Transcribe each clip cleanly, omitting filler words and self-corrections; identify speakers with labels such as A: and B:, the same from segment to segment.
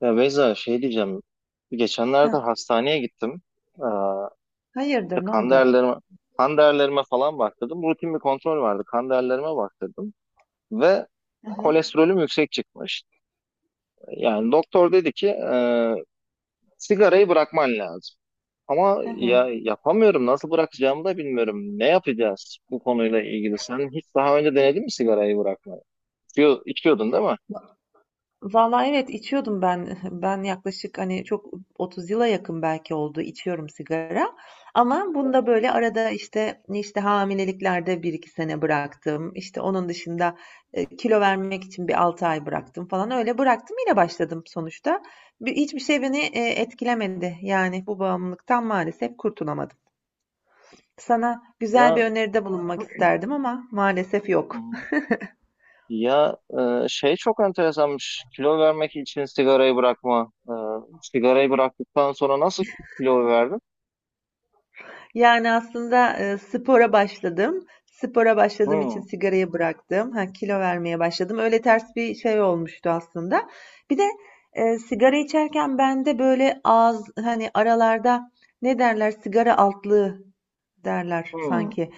A: Ya Beyza şey diyeceğim. Geçenlerde
B: Heh,
A: hastaneye gittim. Ee, işte
B: hayırdır, ne
A: kan
B: oldu?
A: değerlerime, kan değerlerime falan baktırdım. Rutin bir kontrol vardı. Kan değerlerime baktırdım. Ve
B: Hı hı.
A: kolesterolüm yüksek çıkmış. Yani doktor dedi ki sigarayı bırakman lazım. Ama
B: Hı
A: ya
B: hı.
A: yapamıyorum. Nasıl bırakacağımı da bilmiyorum. Ne yapacağız bu konuyla ilgili? Sen hiç daha önce denedin mi sigarayı bırakmayı? İçiyordun değil mi?
B: Vallahi evet içiyordum ben. Ben yaklaşık hani çok 30 yıla yakın belki oldu içiyorum sigara. Ama bunda
A: Evet.
B: böyle arada işte hamileliklerde bir iki sene bıraktım. İşte onun dışında kilo vermek için bir 6 ay bıraktım falan öyle bıraktım yine başladım sonuçta. Hiçbir şey beni etkilemedi. Yani bu bağımlılıktan maalesef kurtulamadım. Sana güzel bir
A: Ya
B: öneride bulunmak isterdim ama maalesef yok.
A: Ya, şey çok enteresanmış. Kilo vermek için sigarayı bırakma. Sigarayı bıraktıktan sonra nasıl kilo verdin?
B: Yani aslında, spora başladım. Spora başladığım için
A: Hmm,
B: sigarayı bıraktım. Ha, kilo vermeye başladım. Öyle ters bir şey olmuştu aslında. Bir de, sigara içerken bende böyle ağız, hani, aralarda ne derler, sigara altlığı derler
A: hmm,
B: sanki.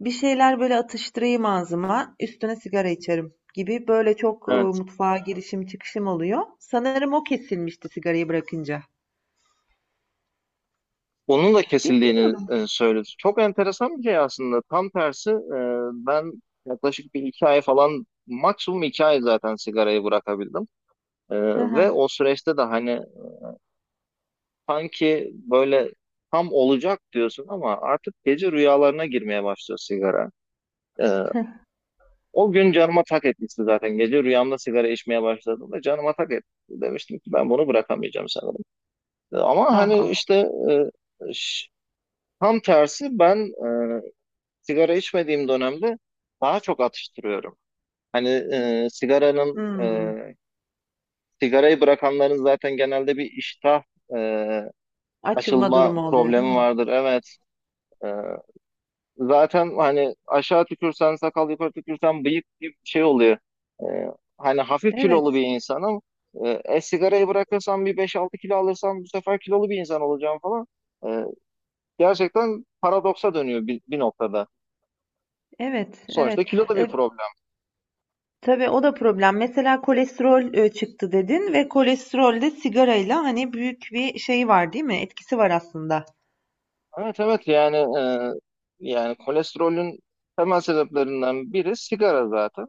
B: Bir şeyler böyle atıştırayım ağzıma, üstüne sigara içerim gibi böyle çok,
A: evet.
B: mutfağa girişim çıkışım oluyor. Sanırım o kesilmişti sigarayı bırakınca.
A: Onun da kesildiğini
B: Bilmiyorum.
A: söyledi. Çok enteresan bir şey aslında. Tam tersi ben yaklaşık bir iki ay falan maksimum iki ay zaten sigarayı bırakabildim. E,
B: Hı
A: Ve
B: hı.
A: o süreçte de hani sanki böyle tam olacak diyorsun ama artık gece rüyalarına girmeye başlıyor sigara. E, O gün canıma tak etmişti zaten. Gece rüyamda sigara içmeye başladığımda canıma tak etti. Demiştim ki ben bunu bırakamayacağım sanırım. Ama
B: Ah
A: hani
B: ah.
A: işte e, ş- tam tersi ben e, sigara içmediğim dönemde daha çok atıştırıyorum. Hani
B: Hıı.
A: sigarayı bırakanların zaten genelde bir iştah e,
B: Açılma
A: açılma
B: durumu oluyor, değil
A: problemi
B: mi?
A: vardır. Evet. e, Zaten hani aşağı tükürsen sakal yukarı tükürsen bıyık gibi bir şey oluyor. Ee, hani hafif kilolu bir
B: Evet,
A: insanım. Sigarayı bırakırsam bir beş altı kilo alırsam bu sefer kilolu bir insan olacağım falan. Ee, gerçekten paradoksa dönüyor bir noktada.
B: evet,
A: Sonuçta
B: evet.
A: kilo da bir
B: E,
A: problem.
B: tabii o da problem. Mesela kolesterol çıktı dedin ve kolesterolde sigarayla hani büyük bir şey var, değil mi? Etkisi var aslında.
A: Evet, evet yani kolesterolün temel sebeplerinden biri sigara zaten.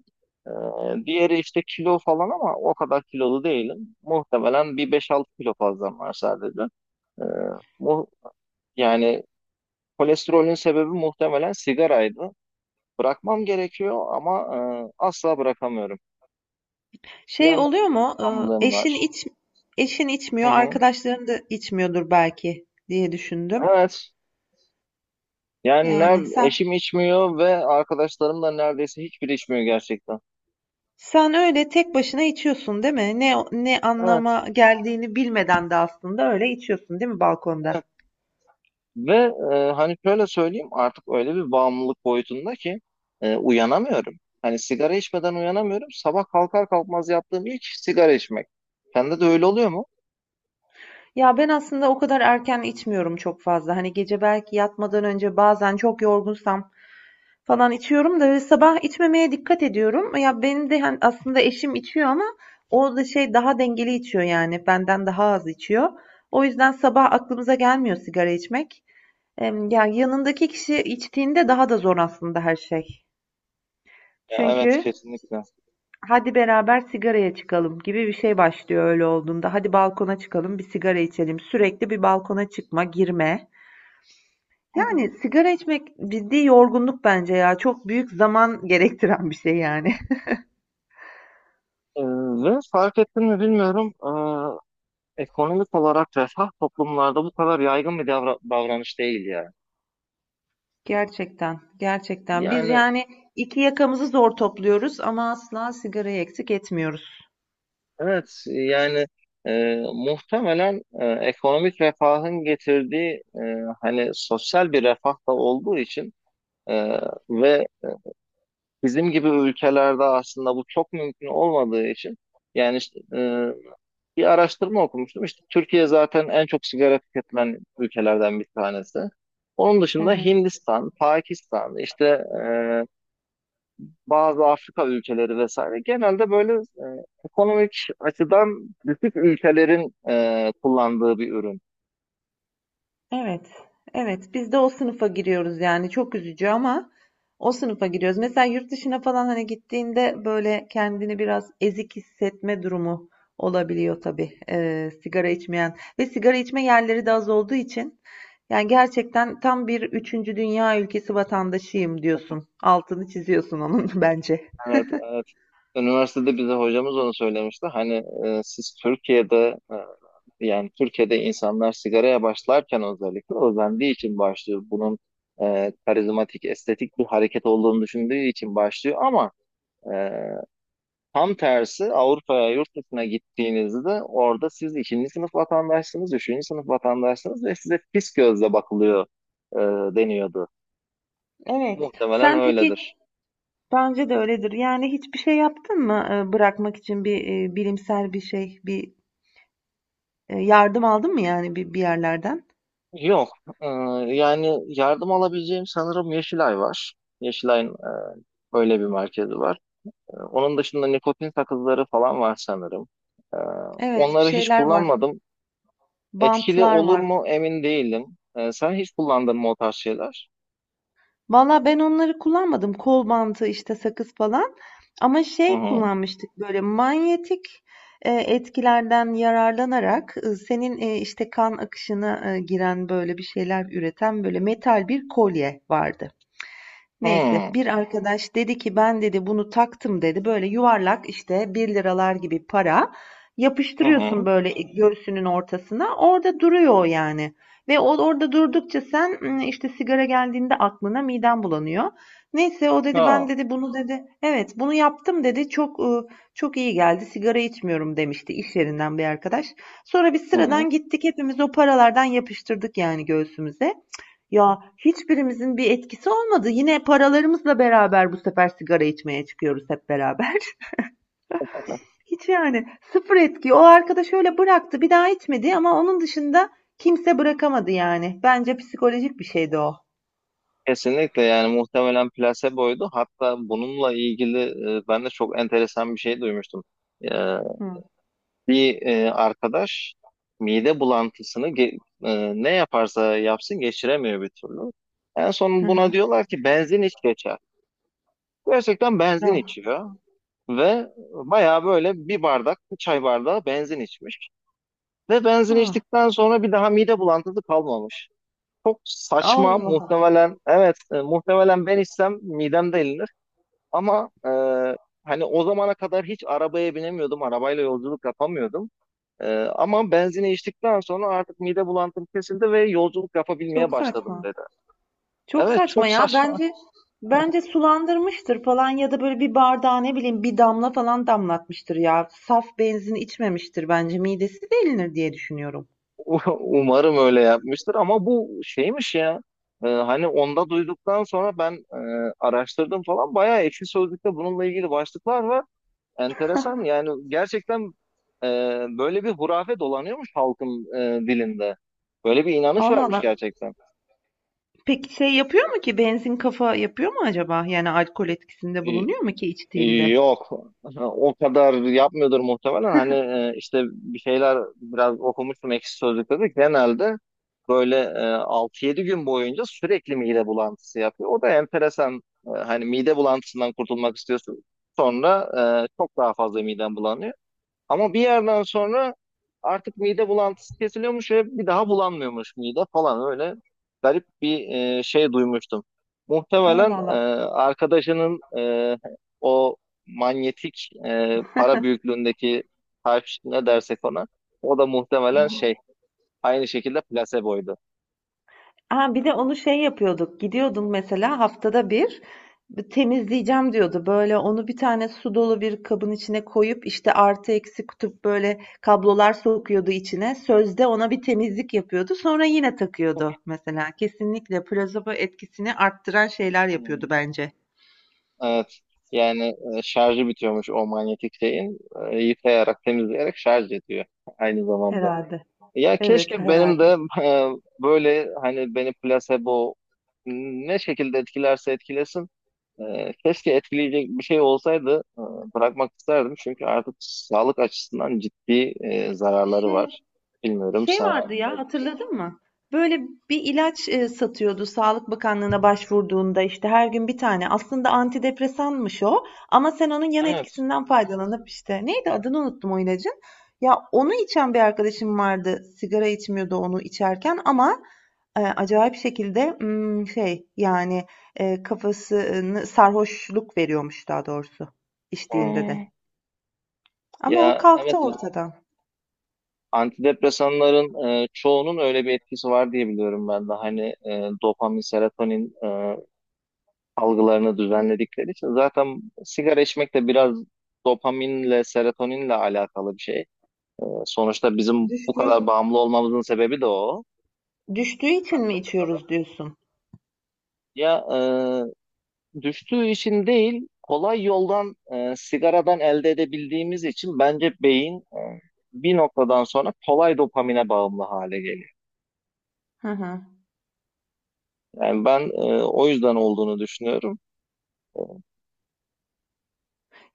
A: Diğeri işte kilo falan ama o kadar kilolu değilim. Muhtemelen bir beş altı kilo fazlam var sadece. Ee, mu- yani kolesterolün sebebi muhtemelen sigaraydı. Bırakmam gerekiyor ama asla bırakamıyorum. Bir
B: Şey
A: yandan
B: oluyor mu? E,
A: bağımlılığım
B: eşin
A: var.
B: iç Eşin
A: Hı
B: içmiyor,
A: hı.
B: arkadaşların da içmiyordur belki diye düşündüm.
A: Evet. Yani
B: Yani sen
A: eşim içmiyor ve arkadaşlarım da neredeyse hiçbiri içmiyor gerçekten.
B: sen öyle tek başına içiyorsun, değil mi? Ne
A: Evet,
B: anlama geldiğini bilmeden de aslında öyle içiyorsun, değil mi balkonda?
A: evet. Ve hani şöyle söyleyeyim artık öyle bir bağımlılık boyutunda ki uyanamıyorum. Hani sigara içmeden uyanamıyorum. Sabah kalkar kalkmaz yaptığım ilk sigara içmek. Sende de öyle oluyor mu?
B: Ya ben aslında o kadar erken içmiyorum çok fazla. Hani gece belki yatmadan önce bazen çok yorgunsam falan içiyorum da böyle sabah içmemeye dikkat ediyorum. Ya benim de hani aslında eşim içiyor ama o da şey daha dengeli içiyor yani benden daha az içiyor. O yüzden sabah aklımıza gelmiyor sigara içmek. Ya yanındaki kişi içtiğinde daha da zor aslında her şey.
A: Ya, evet,
B: Çünkü
A: kesinlikle.
B: hadi beraber sigaraya çıkalım gibi bir şey başlıyor öyle olduğunda. Hadi balkona çıkalım, bir sigara içelim. Sürekli bir balkona çıkma, girme.
A: Hı
B: Yani
A: hı.
B: sigara içmek ciddi yorgunluk bence ya. Çok büyük zaman gerektiren bir şey yani.
A: Ee, ve fark ettin mi bilmiyorum. Ekonomik olarak refah toplumlarda bu kadar yaygın bir davranış değil ya.
B: Gerçekten, gerçekten. Biz
A: Yani
B: yani iki yakamızı zor topluyoruz ama asla sigarayı eksik etmiyoruz.
A: evet yani muhtemelen ekonomik refahın getirdiği hani sosyal bir refah da olduğu için e, ve bizim gibi ülkelerde aslında bu çok mümkün olmadığı için yani işte, bir araştırma okumuştum. İşte Türkiye zaten en çok sigara tüketilen ülkelerden bir tanesi. Onun
B: Hı
A: dışında
B: hı.
A: Hindistan, Pakistan, işte e, bazı Afrika ülkeleri vesaire genelde böyle ekonomik açıdan düşük ülkelerin kullandığı bir ürün.
B: Evet, evet. Biz de o sınıfa giriyoruz yani çok üzücü ama o sınıfa giriyoruz. Mesela yurt dışına falan hani gittiğinde böyle kendini biraz ezik hissetme durumu olabiliyor tabii. Sigara içmeyen ve sigara içme yerleri de az olduğu için yani gerçekten tam bir üçüncü dünya ülkesi vatandaşıyım diyorsun. Altını çiziyorsun onun bence.
A: Evet, evet. Üniversitede bize hocamız onu söylemişti. Hani e, siz Türkiye'de e, yani Türkiye'de insanlar sigaraya başlarken özellikle özendiği için başlıyor. Bunun karizmatik, estetik bir hareket olduğunu düşündüğü için başlıyor. Ama e, tam tersi Avrupa'ya, yurt dışına gittiğinizde orada siz ikinci sınıf vatandaşsınız, üçüncü sınıf vatandaşsınız ve size pis gözle bakılıyor e, deniyordu.
B: Evet.
A: Muhtemelen
B: Sen peki
A: öyledir.
B: bence de öyledir. Yani hiçbir şey yaptın mı bırakmak için bir bilimsel bir şey, yardım aldın mı yani bir yerlerden?
A: Yok, e, yani yardım alabileceğim sanırım Yeşilay var. Yeşilay'ın öyle bir merkezi var. Onun dışında nikotin sakızları falan var sanırım. Ee,
B: Evet, bir
A: onları hiç
B: şeyler var.
A: kullanmadım. Etkili
B: Bantlar
A: olur
B: var.
A: mu emin değilim. Sen hiç kullandın mı o tarz şeyler?
B: Valla ben onları kullanmadım. Kol bantı işte sakız falan. Ama
A: Hı
B: şey
A: hı.
B: kullanmıştık böyle manyetik etkilerden yararlanarak senin işte kan akışına giren böyle bir şeyler üreten böyle metal bir kolye vardı. Neyse
A: Hı
B: bir arkadaş dedi ki ben dedi bunu taktım dedi. Böyle yuvarlak işte bir liralar gibi para
A: hı. Hı.
B: yapıştırıyorsun böyle göğsünün ortasına. Orada duruyor o yani. Ve o orada durdukça sen işte sigara geldiğinde aklına miden bulanıyor. Neyse o dedi ben
A: Ha.
B: dedi bunu dedi evet bunu yaptım dedi çok çok iyi geldi sigara içmiyorum demişti iş yerinden bir arkadaş. Sonra biz
A: Hı hı.
B: sıradan gittik hepimiz o paralardan yapıştırdık yani göğsümüze. Ya hiçbirimizin bir etkisi olmadı. Yine paralarımızla beraber bu sefer sigara içmeye çıkıyoruz hep beraber. Hiç yani sıfır etki. O arkadaş öyle bıraktı, bir daha içmedi ama onun dışında kimse bırakamadı yani. Bence psikolojik bir şeydi o.
A: Kesinlikle yani muhtemelen plaseboydu. Hatta bununla ilgili ben de çok enteresan bir şey duymuştum. Ee,
B: Hı.
A: bir arkadaş mide bulantısını ne yaparsa yapsın geçiremiyor bir türlü. En son
B: Hı
A: buna
B: hı.
A: diyorlar ki benzin iç geçer. Gerçekten benzin
B: Ah.
A: içiyor ve bayağı böyle bir bardak, bir çay bardağı benzin içmiş. Ve benzin
B: Ah.
A: içtikten sonra bir daha mide bulantısı kalmamış. Çok saçma
B: Allah.
A: muhtemelen, evet muhtemelen ben içsem midem delinir. Ama hani o zamana kadar hiç arabaya binemiyordum, arabayla yolculuk yapamıyordum. E, ama benzini içtikten sonra artık mide bulantım kesildi ve yolculuk yapabilmeye
B: Çok
A: başladım
B: saçma.
A: dedi.
B: Çok
A: Evet,
B: saçma
A: çok
B: ya.
A: saçma.
B: Bence sulandırmıştır falan ya da böyle bir bardağa ne bileyim bir damla falan damlatmıştır ya. Saf benzin içmemiştir bence. Midesi delinir diye düşünüyorum.
A: Umarım öyle yapmıştır ama bu şeymiş ya. Hani onda duyduktan sonra ben araştırdım falan. Bayağı Ekşi Sözlük'te bununla ilgili başlıklar var. Enteresan yani gerçekten e, böyle bir hurafe dolanıyormuş halkın dilinde. Böyle bir inanış
B: Allah
A: varmış
B: Allah.
A: gerçekten.
B: Peki şey yapıyor mu ki benzin kafa yapıyor mu acaba? Yani alkol etkisinde
A: E,
B: bulunuyor mu ki
A: e,
B: içtiğinde?
A: yok o kadar yapmıyordur muhtemelen. Hani işte bir şeyler biraz okumuştum Ekşi Sözlük'te de genelde böyle 6-7 gün boyunca sürekli mide bulantısı yapıyor. O da enteresan. Hani mide bulantısından kurtulmak istiyorsun. Sonra çok daha fazla miden bulanıyor. Ama bir yerden sonra artık mide bulantısı kesiliyormuş ve bir daha bulanmıyormuş mide falan öyle garip bir şey duymuştum.
B: Allah
A: Muhtemelen
B: Allah.
A: arkadaşının o manyetik para büyüklüğündeki taş ne dersek ona o da muhtemelen şey aynı şekilde plaseboydu.
B: Aa, bir de onu şey yapıyorduk. Gidiyordun mesela haftada bir temizleyeceğim diyordu. Böyle onu bir tane su dolu bir kabın içine koyup işte artı eksi kutup böyle kablolar sokuyordu içine. Sözde ona bir temizlik yapıyordu. Sonra yine takıyordu mesela. Kesinlikle plasebo etkisini arttıran şeyler
A: Hmm.
B: yapıyordu bence.
A: Evet. Yani şarjı bitiyormuş o manyetik şeyin. Yıkayarak, temizleyerek şarj ediyor aynı zamanda.
B: Herhalde.
A: Ya
B: Evet,
A: keşke benim
B: herhalde.
A: de böyle hani beni plasebo ne şekilde etkilerse etkilesin. Keşke etkileyecek bir şey olsaydı bırakmak isterdim. Çünkü artık sağlık açısından ciddi zararları
B: Şey
A: var. Bilmiyorum
B: Şey
A: sana
B: vardı ya
A: ne-
B: hatırladın mı? Böyle bir ilaç satıyordu Sağlık Bakanlığı'na başvurduğunda işte her gün bir tane. Aslında antidepresanmış o ama sen onun yan
A: Evet.
B: etkisinden faydalanıp işte neydi adını unuttum o ilacın. Ya onu içen bir arkadaşım vardı. Sigara içmiyordu onu içerken ama acayip şekilde kafasını sarhoşluk veriyormuş daha doğrusu içtiğinde de.
A: Hmm.
B: Ama o
A: Ya,
B: kalktı
A: evet.
B: ortadan.
A: Antidepresanların çoğunun öyle bir etkisi var diye biliyorum ben de. Hani dopamin, serotonin algılarını düzenledikleri için. Zaten sigara içmek de biraz dopaminle, serotoninle alakalı bir şey. Sonuçta bizim bu
B: Düştüğü,
A: kadar bağımlı olmamızın sebebi de o.
B: düştüğü için mi
A: Antidepresanlar.
B: içiyoruz diyorsun?
A: Ya düştüğü için değil, kolay yoldan sigaradan elde edebildiğimiz için bence beyin bir noktadan sonra kolay dopamine bağımlı hale geliyor.
B: Hı hı.
A: Yani ben o yüzden olduğunu düşünüyorum. E,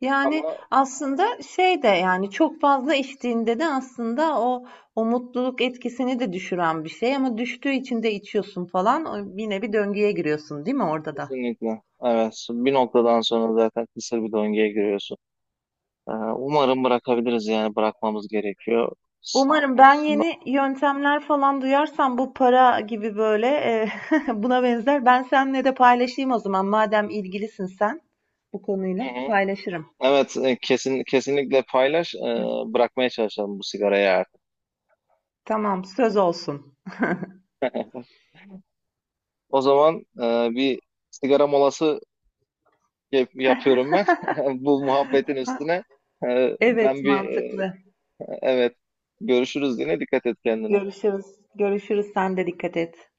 B: Yani,
A: Ama
B: aslında şey de, yani, çok fazla içtiğinde de aslında o mutluluk etkisini de düşüren bir şey ama düştüğü için de içiyorsun falan. O yine bir döngüye giriyorsun, değil mi orada da?
A: kesinlikle evet bir noktadan sonra zaten kısır bir döngüye giriyorsun. Umarım bırakabiliriz yani bırakmamız gerekiyor sağlık
B: Umarım ben
A: açısından.
B: yeni yöntemler falan duyarsam bu para gibi böyle, buna benzer ben seninle de paylaşayım o zaman madem ilgilisin sen bu
A: Hı
B: konuyla
A: hı.
B: paylaşırım.
A: Evet, kesin kesinlikle paylaş. Bırakmaya çalışalım bu sigarayı artık.
B: Tamam, söz olsun.
A: O zaman bir sigara molası yapıyorum ben bu muhabbetin üstüne. E, ben
B: Evet,
A: bir e,
B: mantıklı.
A: evet, görüşürüz yine, dikkat et kendine.
B: Görüşürüz. Görüşürüz. Sen de dikkat et.